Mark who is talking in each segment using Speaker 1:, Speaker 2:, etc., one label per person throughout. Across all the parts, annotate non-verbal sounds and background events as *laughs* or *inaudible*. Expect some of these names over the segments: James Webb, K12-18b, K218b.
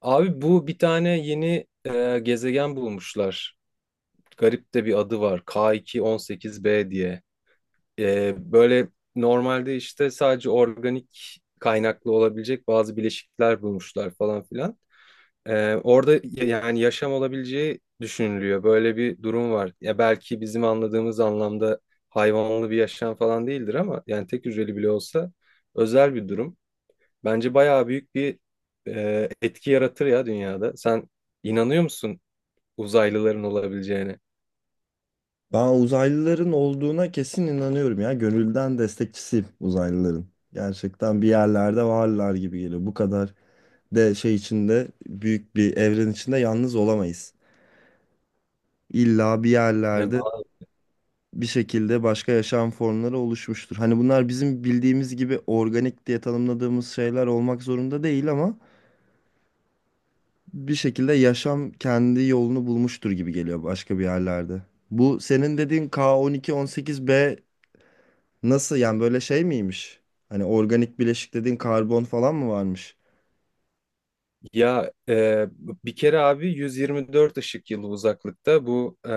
Speaker 1: Abi bu bir tane yeni gezegen bulmuşlar. Garip de bir adı var, K218b diye. Böyle normalde işte sadece organik kaynaklı olabilecek bazı bileşikler bulmuşlar falan filan. Orada yani yaşam olabileceği düşünülüyor. Böyle bir durum var. Ya belki bizim anladığımız anlamda hayvanlı bir yaşam falan değildir ama yani tek hücreli bile olsa özel bir durum. Bence bayağı büyük bir etki yaratır ya dünyada. Sen inanıyor musun uzaylıların olabileceğine?
Speaker 2: Ben uzaylıların olduğuna kesin inanıyorum ya. Gönülden destekçisiyim uzaylıların. Gerçekten bir yerlerde varlar gibi geliyor. Bu kadar de şey içinde büyük bir evren içinde yalnız olamayız. İlla bir
Speaker 1: Yani,
Speaker 2: yerlerde
Speaker 1: ba-
Speaker 2: bir şekilde başka yaşam formları oluşmuştur. Hani bunlar bizim bildiğimiz gibi organik diye tanımladığımız şeyler olmak zorunda değil ama bir şekilde yaşam kendi yolunu bulmuştur gibi geliyor başka bir yerlerde. Bu senin dediğin K12-18b. Nasıl yani, böyle şey miymiş? Hani organik bileşik dediğin karbon falan mı varmış?
Speaker 1: ya e, Bir kere abi 124 ışık yılı uzaklıkta bu,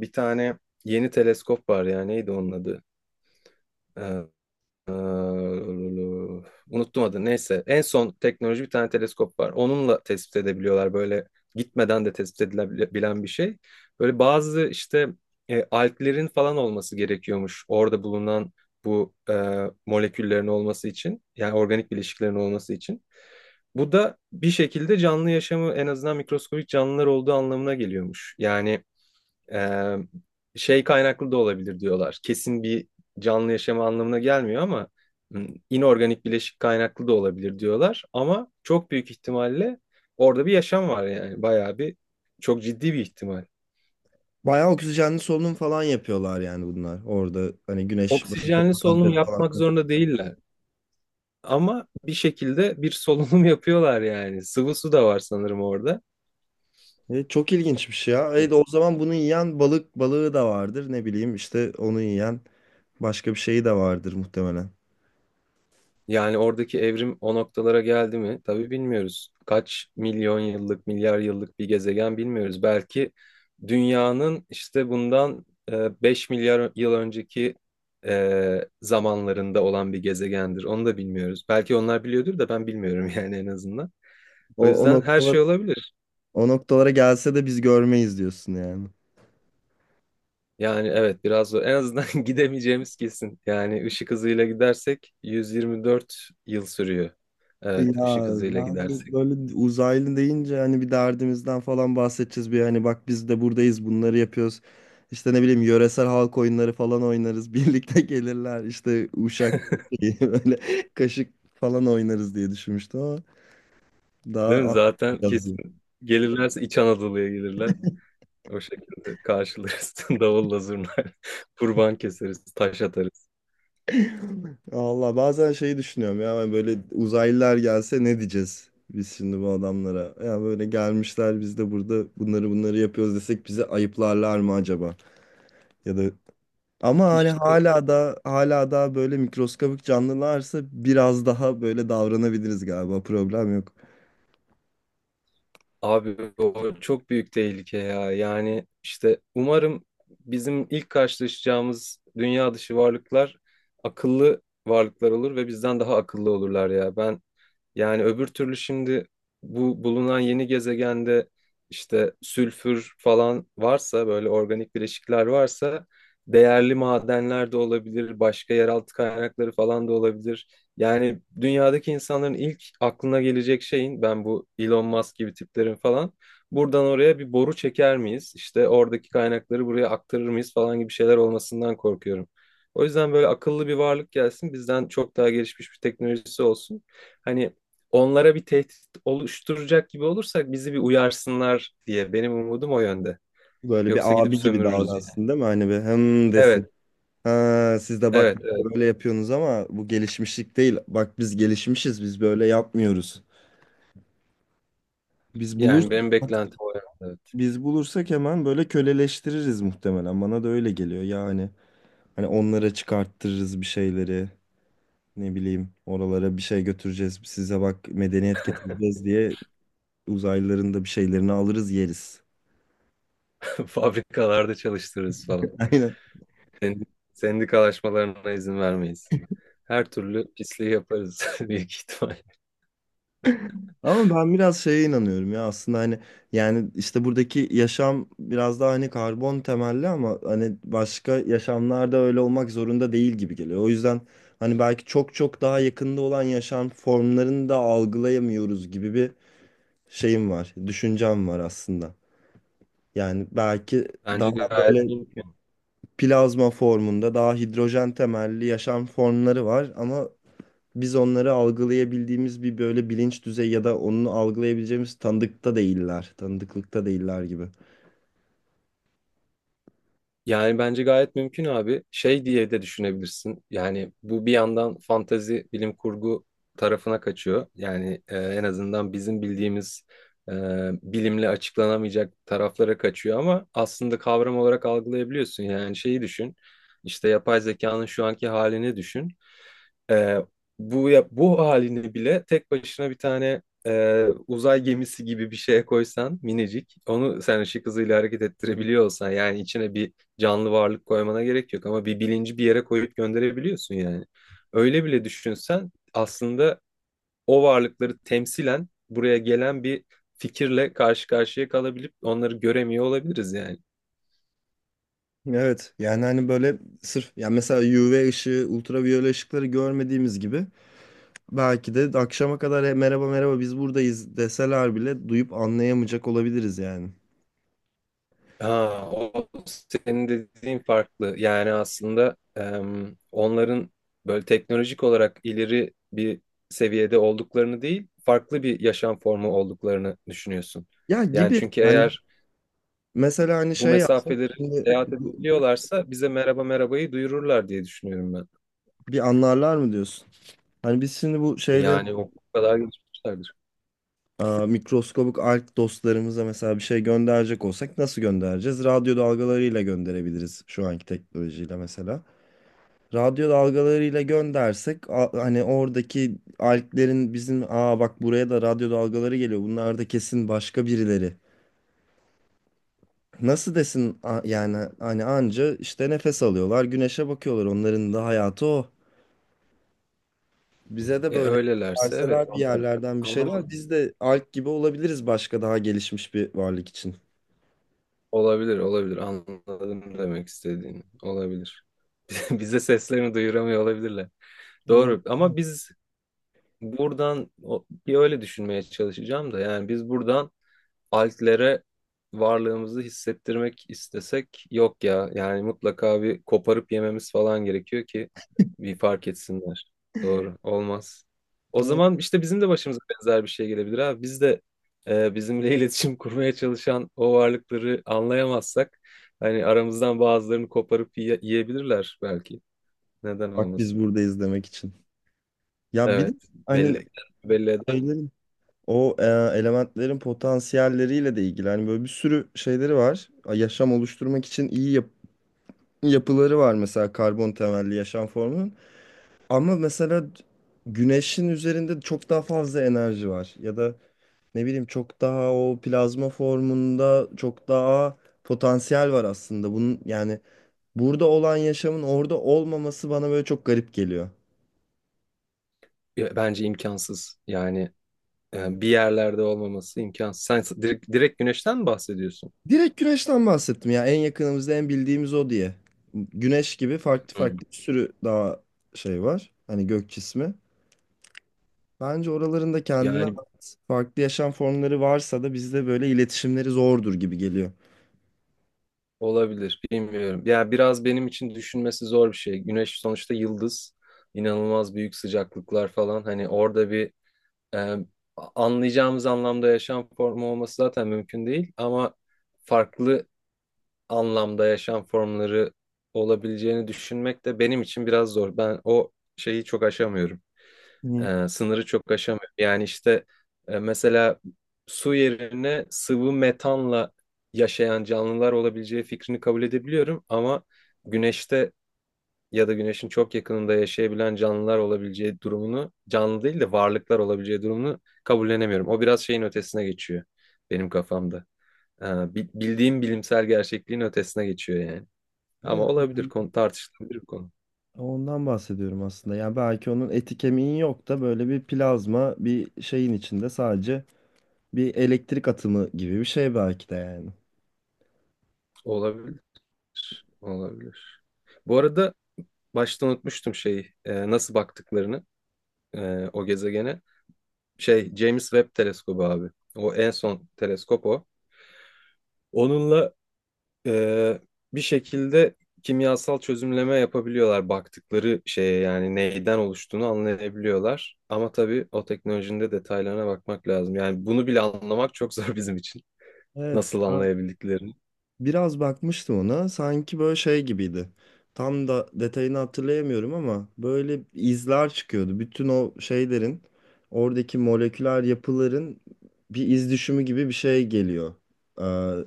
Speaker 1: bir tane yeni teleskop var ya, neydi onun adı? Ee, Unuttum adını. Neyse. En son teknoloji bir tane teleskop var. Onunla tespit edebiliyorlar, böyle gitmeden de tespit edilebilen bir şey. Böyle bazı işte alglerin falan olması gerekiyormuş, orada bulunan bu moleküllerin olması için. Yani organik bileşiklerin olması için. Bu da bir şekilde canlı yaşamı, en azından mikroskobik canlılar olduğu anlamına geliyormuş. Yani ee, şey kaynaklı da olabilir diyorlar. Kesin bir canlı yaşama anlamına gelmiyor ama inorganik bileşik kaynaklı da olabilir diyorlar. Ama çok büyük ihtimalle orada bir yaşam var, yani bayağı bir çok ciddi bir ihtimal.
Speaker 2: Bayağı oksijenli solunum falan yapıyorlar yani bunlar. Orada hani güneş böyle
Speaker 1: Oksijenli solunum
Speaker 2: fotoğrafları falan.
Speaker 1: yapmak zorunda değiller ama bir şekilde bir solunum *laughs* yapıyorlar yani. Sıvı su da var sanırım orada.
Speaker 2: Çok ilginçmiş ya. O zaman bunu yiyen balık balığı da vardır. Ne bileyim işte onu yiyen başka bir şeyi de vardır muhtemelen.
Speaker 1: Yani oradaki evrim o noktalara geldi mi? Tabii bilmiyoruz. Kaç milyon yıllık, milyar yıllık bir gezegen bilmiyoruz. Belki dünyanın işte bundan 5 milyar yıl önceki zamanlarında olan bir gezegendir. Onu da bilmiyoruz. Belki onlar biliyordur da ben bilmiyorum *laughs* yani en azından. O
Speaker 2: O, o
Speaker 1: yüzden her
Speaker 2: noktalara,
Speaker 1: şey olabilir.
Speaker 2: O noktalara gelse de biz görmeyiz diyorsun yani.
Speaker 1: Yani evet, biraz zor. En azından *laughs* gidemeyeceğimiz kesin. Yani ışık hızıyla gidersek 124 yıl sürüyor.
Speaker 2: Ya
Speaker 1: Evet, ışık hızıyla
Speaker 2: ben de
Speaker 1: gidersek.
Speaker 2: böyle uzaylı deyince hani bir derdimizden falan bahsedeceğiz, bir hani bak biz de buradayız bunları yapıyoruz. İşte ne bileyim yöresel halk oyunları falan oynarız. *laughs* Birlikte gelirler işte uşak şeyi, *laughs* böyle kaşık falan oynarız diye düşünmüştüm ama daha
Speaker 1: Değil mi? Zaten
Speaker 2: anlatacağız diye.
Speaker 1: kesin gelirlerse İç Anadolu'ya gelirler. O şekilde karşılarız. *laughs* Davulla zurna *laughs* kurban keseriz, taş atarız.
Speaker 2: *laughs* Allah, bazen şeyi düşünüyorum ya, ben böyle uzaylılar gelse ne diyeceğiz biz şimdi bu adamlara? Ya böyle gelmişler, biz de burada bunları bunları yapıyoruz desek bizi ayıplarlar mı acaba? Ya da ama hani
Speaker 1: İşte
Speaker 2: hala da böyle mikroskobik canlılarsa biraz daha böyle davranabiliriz galiba. Problem yok.
Speaker 1: abi o çok büyük tehlike ya. Yani işte umarım bizim ilk karşılaşacağımız dünya dışı varlıklar akıllı varlıklar olur ve bizden daha akıllı olurlar ya. Ben yani öbür türlü şimdi bu bulunan yeni gezegende işte sülfür falan varsa, böyle organik bileşikler varsa değerli madenler de olabilir, başka yeraltı kaynakları falan da olabilir. Yani dünyadaki insanların ilk aklına gelecek şeyin, ben bu Elon Musk gibi tiplerin falan buradan oraya bir boru çeker miyiz, İşte oradaki kaynakları buraya aktarır mıyız falan gibi şeyler olmasından korkuyorum. O yüzden böyle akıllı bir varlık gelsin, bizden çok daha gelişmiş bir teknolojisi olsun. Hani onlara bir tehdit oluşturacak gibi olursak bizi bir uyarsınlar diye, benim umudum o yönde.
Speaker 2: Böyle
Speaker 1: Yoksa
Speaker 2: bir
Speaker 1: gidip
Speaker 2: abi gibi
Speaker 1: sömürürüz yani.
Speaker 2: davransın değil mi? Hani bir hem desin.
Speaker 1: Evet,
Speaker 2: Ha, siz de bak
Speaker 1: evet,
Speaker 2: işte
Speaker 1: evet.
Speaker 2: böyle yapıyorsunuz ama bu gelişmişlik değil. Bak biz gelişmişiz. Biz böyle yapmıyoruz. Biz bulur
Speaker 1: Yani benim beklentim o yönde.
Speaker 2: Biz bulursak hemen böyle köleleştiririz muhtemelen. Bana da öyle geliyor yani. Hani onlara çıkarttırırız bir şeyleri. Ne bileyim oralara bir şey götüreceğiz. Size bak medeniyet getireceğiz diye uzaylıların da bir şeylerini alırız yeriz.
Speaker 1: *laughs* Fabrikalarda çalıştırırız falan.
Speaker 2: *laughs* Aynen.
Speaker 1: Sendi- Sendikalaşmalarına izin vermeyiz. Her türlü pisliği yaparız *laughs* büyük ihtimal.
Speaker 2: Ama ben biraz şeye inanıyorum ya aslında, hani yani işte buradaki yaşam biraz daha hani karbon temelli ama hani başka yaşamlarda öyle olmak zorunda değil gibi geliyor. O yüzden hani belki çok çok daha yakında olan yaşam formlarını da algılayamıyoruz gibi bir şeyim var, düşüncem var aslında. Yani belki daha
Speaker 1: Bence gayet
Speaker 2: böyle
Speaker 1: mümkün.
Speaker 2: plazma formunda daha hidrojen temelli yaşam formları var ama biz onları algılayabildiğimiz bir böyle bilinç düzeyi ya da onu algılayabileceğimiz tanıdıkta değiller. Tanıdıklıkta değiller gibi.
Speaker 1: Yani bence gayet mümkün abi. Şey diye de düşünebilirsin. Yani bu bir yandan fantezi, bilim kurgu tarafına kaçıyor. Yani en azından bizim bildiğimiz e, bilimle açıklanamayacak taraflara kaçıyor ama aslında kavram olarak algılayabiliyorsun. Yani şeyi düşün. İşte yapay zekanın şu anki halini düşün. Ee, Bu bu halini bile tek başına bir tane uzay gemisi gibi bir şeye koysan, minicik, onu sen ışık hızıyla hareket ettirebiliyor olsan, yani içine bir canlı varlık koymana gerek yok ama bir bilinci bir yere koyup gönderebiliyorsun yani. Öyle bile düşünsen aslında o varlıkları temsilen buraya gelen bir fikirle karşı karşıya kalabilip onları göremiyor olabiliriz yani.
Speaker 2: Evet yani hani böyle sırf yani mesela UV ışığı, ultraviyole ışıkları görmediğimiz gibi belki de akşama kadar "E, merhaba merhaba biz buradayız" deseler bile duyup anlayamayacak olabiliriz yani.
Speaker 1: Ha, o senin dediğin farklı. Yani aslında onların böyle teknolojik olarak ileri bir seviyede olduklarını değil, farklı bir yaşam formu olduklarını düşünüyorsun.
Speaker 2: Ya
Speaker 1: Yani
Speaker 2: gibi
Speaker 1: çünkü
Speaker 2: yani,
Speaker 1: eğer
Speaker 2: mesela hani
Speaker 1: bu
Speaker 2: şey yapsak
Speaker 1: mesafeleri
Speaker 2: şimdi,
Speaker 1: seyahat
Speaker 2: bu-
Speaker 1: edebiliyorlarsa bize merhaba merhabayı duyururlar diye düşünüyorum ben.
Speaker 2: bir anlarlar mı diyorsun? Hani biz şimdi bu şeyleri,
Speaker 1: Yani o kadar gelişmişlerdir.
Speaker 2: aa, mikroskobik alg dostlarımıza mesela bir şey gönderecek olsak nasıl göndereceğiz? Radyo dalgalarıyla gönderebiliriz şu anki teknolojiyle mesela. Radyo dalgalarıyla göndersek, hani oradaki alglerin bizim, aa bak buraya da radyo dalgaları geliyor. Bunlar da kesin başka birileri. Nasıl desin, yani hani anca işte nefes alıyorlar, güneşe bakıyorlar. Onların da hayatı o. Bize de
Speaker 1: E,
Speaker 2: böyle
Speaker 1: öylelerse evet,
Speaker 2: verseler bir
Speaker 1: onlar
Speaker 2: yerlerden bir şeyler,
Speaker 1: anlamadım.
Speaker 2: biz de alg gibi olabiliriz başka daha gelişmiş bir varlık için.
Speaker 1: Olabilir, olabilir. Anladım demek istediğini. Olabilir. *laughs* Bize seslerini duyuramıyor olabilirler.
Speaker 2: Olabilir.
Speaker 1: Doğru, ama biz buradan bir öyle düşünmeye çalışacağım da, yani biz buradan altlere varlığımızı hissettirmek istesek, yok ya yani mutlaka bir koparıp yememiz falan gerekiyor ki bir fark etsinler. Doğru olmaz. O zaman işte bizim de başımıza benzer bir şey gelebilir abi. Biz de bizimle *laughs* iletişim kurmaya çalışan o varlıkları anlayamazsak, hani aramızdan bazılarını koparıp yiyebilirler belki. Neden
Speaker 2: Bak biz
Speaker 1: olmasın?
Speaker 2: buradayız demek için. Ya bir de
Speaker 1: Evet,
Speaker 2: hani
Speaker 1: belli, belli.
Speaker 2: şeylerin o elementlerin potansiyelleriyle de ilgili. Hani böyle bir sürü şeyleri var. Yaşam oluşturmak için iyi yapıları var mesela karbon temelli yaşam formunun. Ama mesela güneşin üzerinde çok daha fazla enerji var. Ya da ne bileyim çok daha o plazma formunda çok daha potansiyel var aslında. Bunun yani burada olan yaşamın orada olmaması bana böyle çok garip geliyor.
Speaker 1: Ya bence imkansız. Yani bir yerlerde olmaması imkansız. Sen direkt, direkt güneşten mi bahsediyorsun?
Speaker 2: Direkt güneşten bahsettim ya. En yakınımızda en bildiğimiz o diye. Güneş gibi farklı
Speaker 1: Hı.
Speaker 2: farklı bir sürü daha şey var. Hani gök cismi. Bence oralarında kendine
Speaker 1: Yani
Speaker 2: ait farklı yaşam formları varsa da bizde böyle iletişimleri zordur gibi geliyor.
Speaker 1: olabilir, bilmiyorum. Ya biraz benim için düşünmesi zor bir şey. Güneş sonuçta yıldız, inanılmaz büyük sıcaklıklar falan. Hani orada bir e, anlayacağımız anlamda yaşam formu olması zaten mümkün değil. Ama farklı anlamda yaşam formları olabileceğini düşünmek de benim için biraz zor. Ben o şeyi çok aşamıyorum.
Speaker 2: Hı.
Speaker 1: E, sınırı çok aşamıyor. Yani işte mesela su yerine sıvı metanla yaşayan canlılar olabileceği fikrini kabul edebiliyorum, ama güneşte ya da güneşin çok yakınında yaşayabilen canlılar olabileceği durumunu, canlı değil de varlıklar olabileceği durumunu kabullenemiyorum. O biraz şeyin ötesine geçiyor benim kafamda. E, bildiğim bilimsel gerçekliğin ötesine geçiyor yani. Ama
Speaker 2: Evet.
Speaker 1: olabilir, konu tartışılabilir bir konu.
Speaker 2: Ondan bahsediyorum aslında. Yani belki onun eti kemiği yok da böyle bir plazma bir şeyin içinde sadece bir elektrik atımı gibi bir şey belki de yani.
Speaker 1: Olabilir, olabilir. Bu arada başta unutmuştum şeyi, nasıl baktıklarını o gezegene. Şey, James Webb teleskobu abi. O en son teleskop o. Onunla e, bir şekilde kimyasal çözümleme yapabiliyorlar baktıkları şeye, yani neyden oluştuğunu anlayabiliyorlar. Ama tabii o teknolojinin de detaylarına bakmak lazım. Yani bunu bile anlamak çok zor *laughs* bizim için.
Speaker 2: Evet.
Speaker 1: Nasıl anlayabildiklerini.
Speaker 2: Biraz bakmıştım ona. Sanki böyle şey gibiydi. Tam da detayını hatırlayamıyorum ama böyle izler çıkıyordu. Bütün o şeylerin, oradaki moleküler yapıların bir iz düşümü gibi bir şey geliyor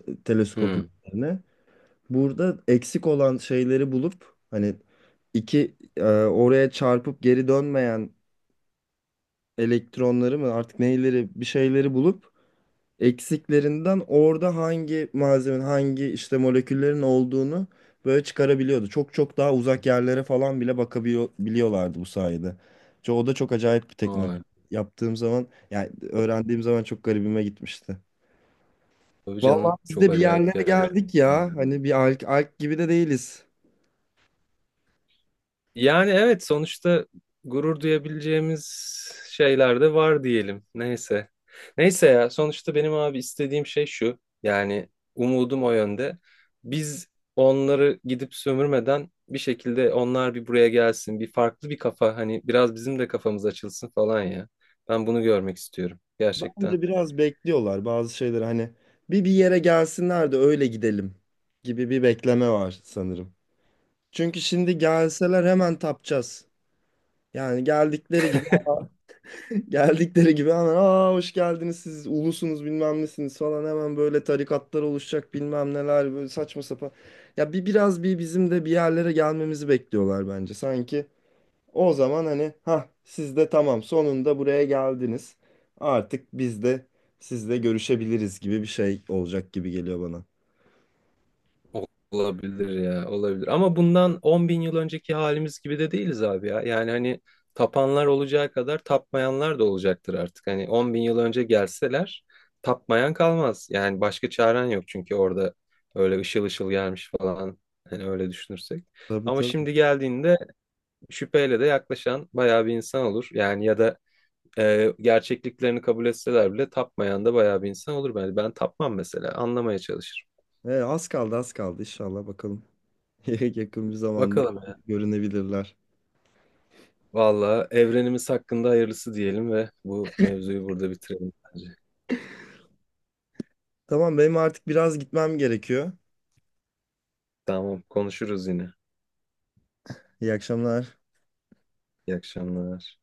Speaker 2: teleskopun
Speaker 1: Hmm.
Speaker 2: üzerine. Burada eksik olan şeyleri bulup hani iki oraya çarpıp geri dönmeyen elektronları mı artık neyleri, bir şeyleri bulup eksiklerinden orada hangi malzemenin hangi işte moleküllerin olduğunu böyle çıkarabiliyordu. Çok çok daha uzak yerlere falan bile bakabiliyorlardı bu sayede. O da çok acayip bir teknoloji.
Speaker 1: Vay.
Speaker 2: Yaptığım zaman yani öğrendiğim zaman çok garibime gitmişti.
Speaker 1: Tabii
Speaker 2: Vallahi
Speaker 1: canım,
Speaker 2: biz
Speaker 1: çok
Speaker 2: de bir
Speaker 1: acayip
Speaker 2: yerlere
Speaker 1: yer.
Speaker 2: geldik ya. Hani bir alk gibi de değiliz.
Speaker 1: Yani evet, sonuçta gurur duyabileceğimiz şeyler de var diyelim. Neyse. Neyse ya, sonuçta benim abi istediğim şey şu. Yani umudum o yönde. Biz onları gidip sömürmeden bir şekilde onlar bir buraya gelsin. Bir farklı bir kafa, hani biraz bizim de kafamız açılsın falan ya. Ben bunu görmek istiyorum gerçekten.
Speaker 2: Bence biraz bekliyorlar bazı şeyleri, hani bir yere gelsinler de öyle gidelim gibi bir bekleme var sanırım. Çünkü şimdi gelseler hemen tapacağız. Yani geldikleri gibi *laughs* geldikleri gibi hemen, aa hoş geldiniz siz ulusunuz bilmem nesiniz falan, hemen böyle tarikatlar oluşacak bilmem neler, böyle saçma sapan. Ya biraz bizim de bir yerlere gelmemizi bekliyorlar bence. Sanki o zaman hani, ha siz de tamam sonunda buraya geldiniz, artık biz de sizle görüşebiliriz gibi bir şey olacak gibi geliyor bana.
Speaker 1: Olabilir ya, olabilir. Ama bundan 10 bin yıl önceki halimiz gibi de değiliz abi ya. Yani hani tapanlar olacağı kadar tapmayanlar da olacaktır artık. Hani 10 bin yıl önce gelseler tapmayan kalmaz. Yani başka çaren yok çünkü orada öyle ışıl ışıl gelmiş falan. Hani öyle düşünürsek.
Speaker 2: Tabii
Speaker 1: Ama
Speaker 2: tabii.
Speaker 1: şimdi geldiğinde şüpheyle de yaklaşan bayağı bir insan olur. Yani ya da gerçekliklerini kabul etseler bile tapmayan da bayağı bir insan olur. Ben, ben tapmam mesela, anlamaya çalışırım.
Speaker 2: Az kaldı az kaldı inşallah, bakalım. *laughs* Yakın bir zamanda
Speaker 1: Bakalım.
Speaker 2: görünebilirler.
Speaker 1: Valla evrenimiz hakkında hayırlısı diyelim ve bu mevzuyu burada bitirelim bence.
Speaker 2: Tamam, benim artık biraz gitmem gerekiyor.
Speaker 1: Tamam, konuşuruz yine.
Speaker 2: İyi akşamlar.
Speaker 1: İyi akşamlar.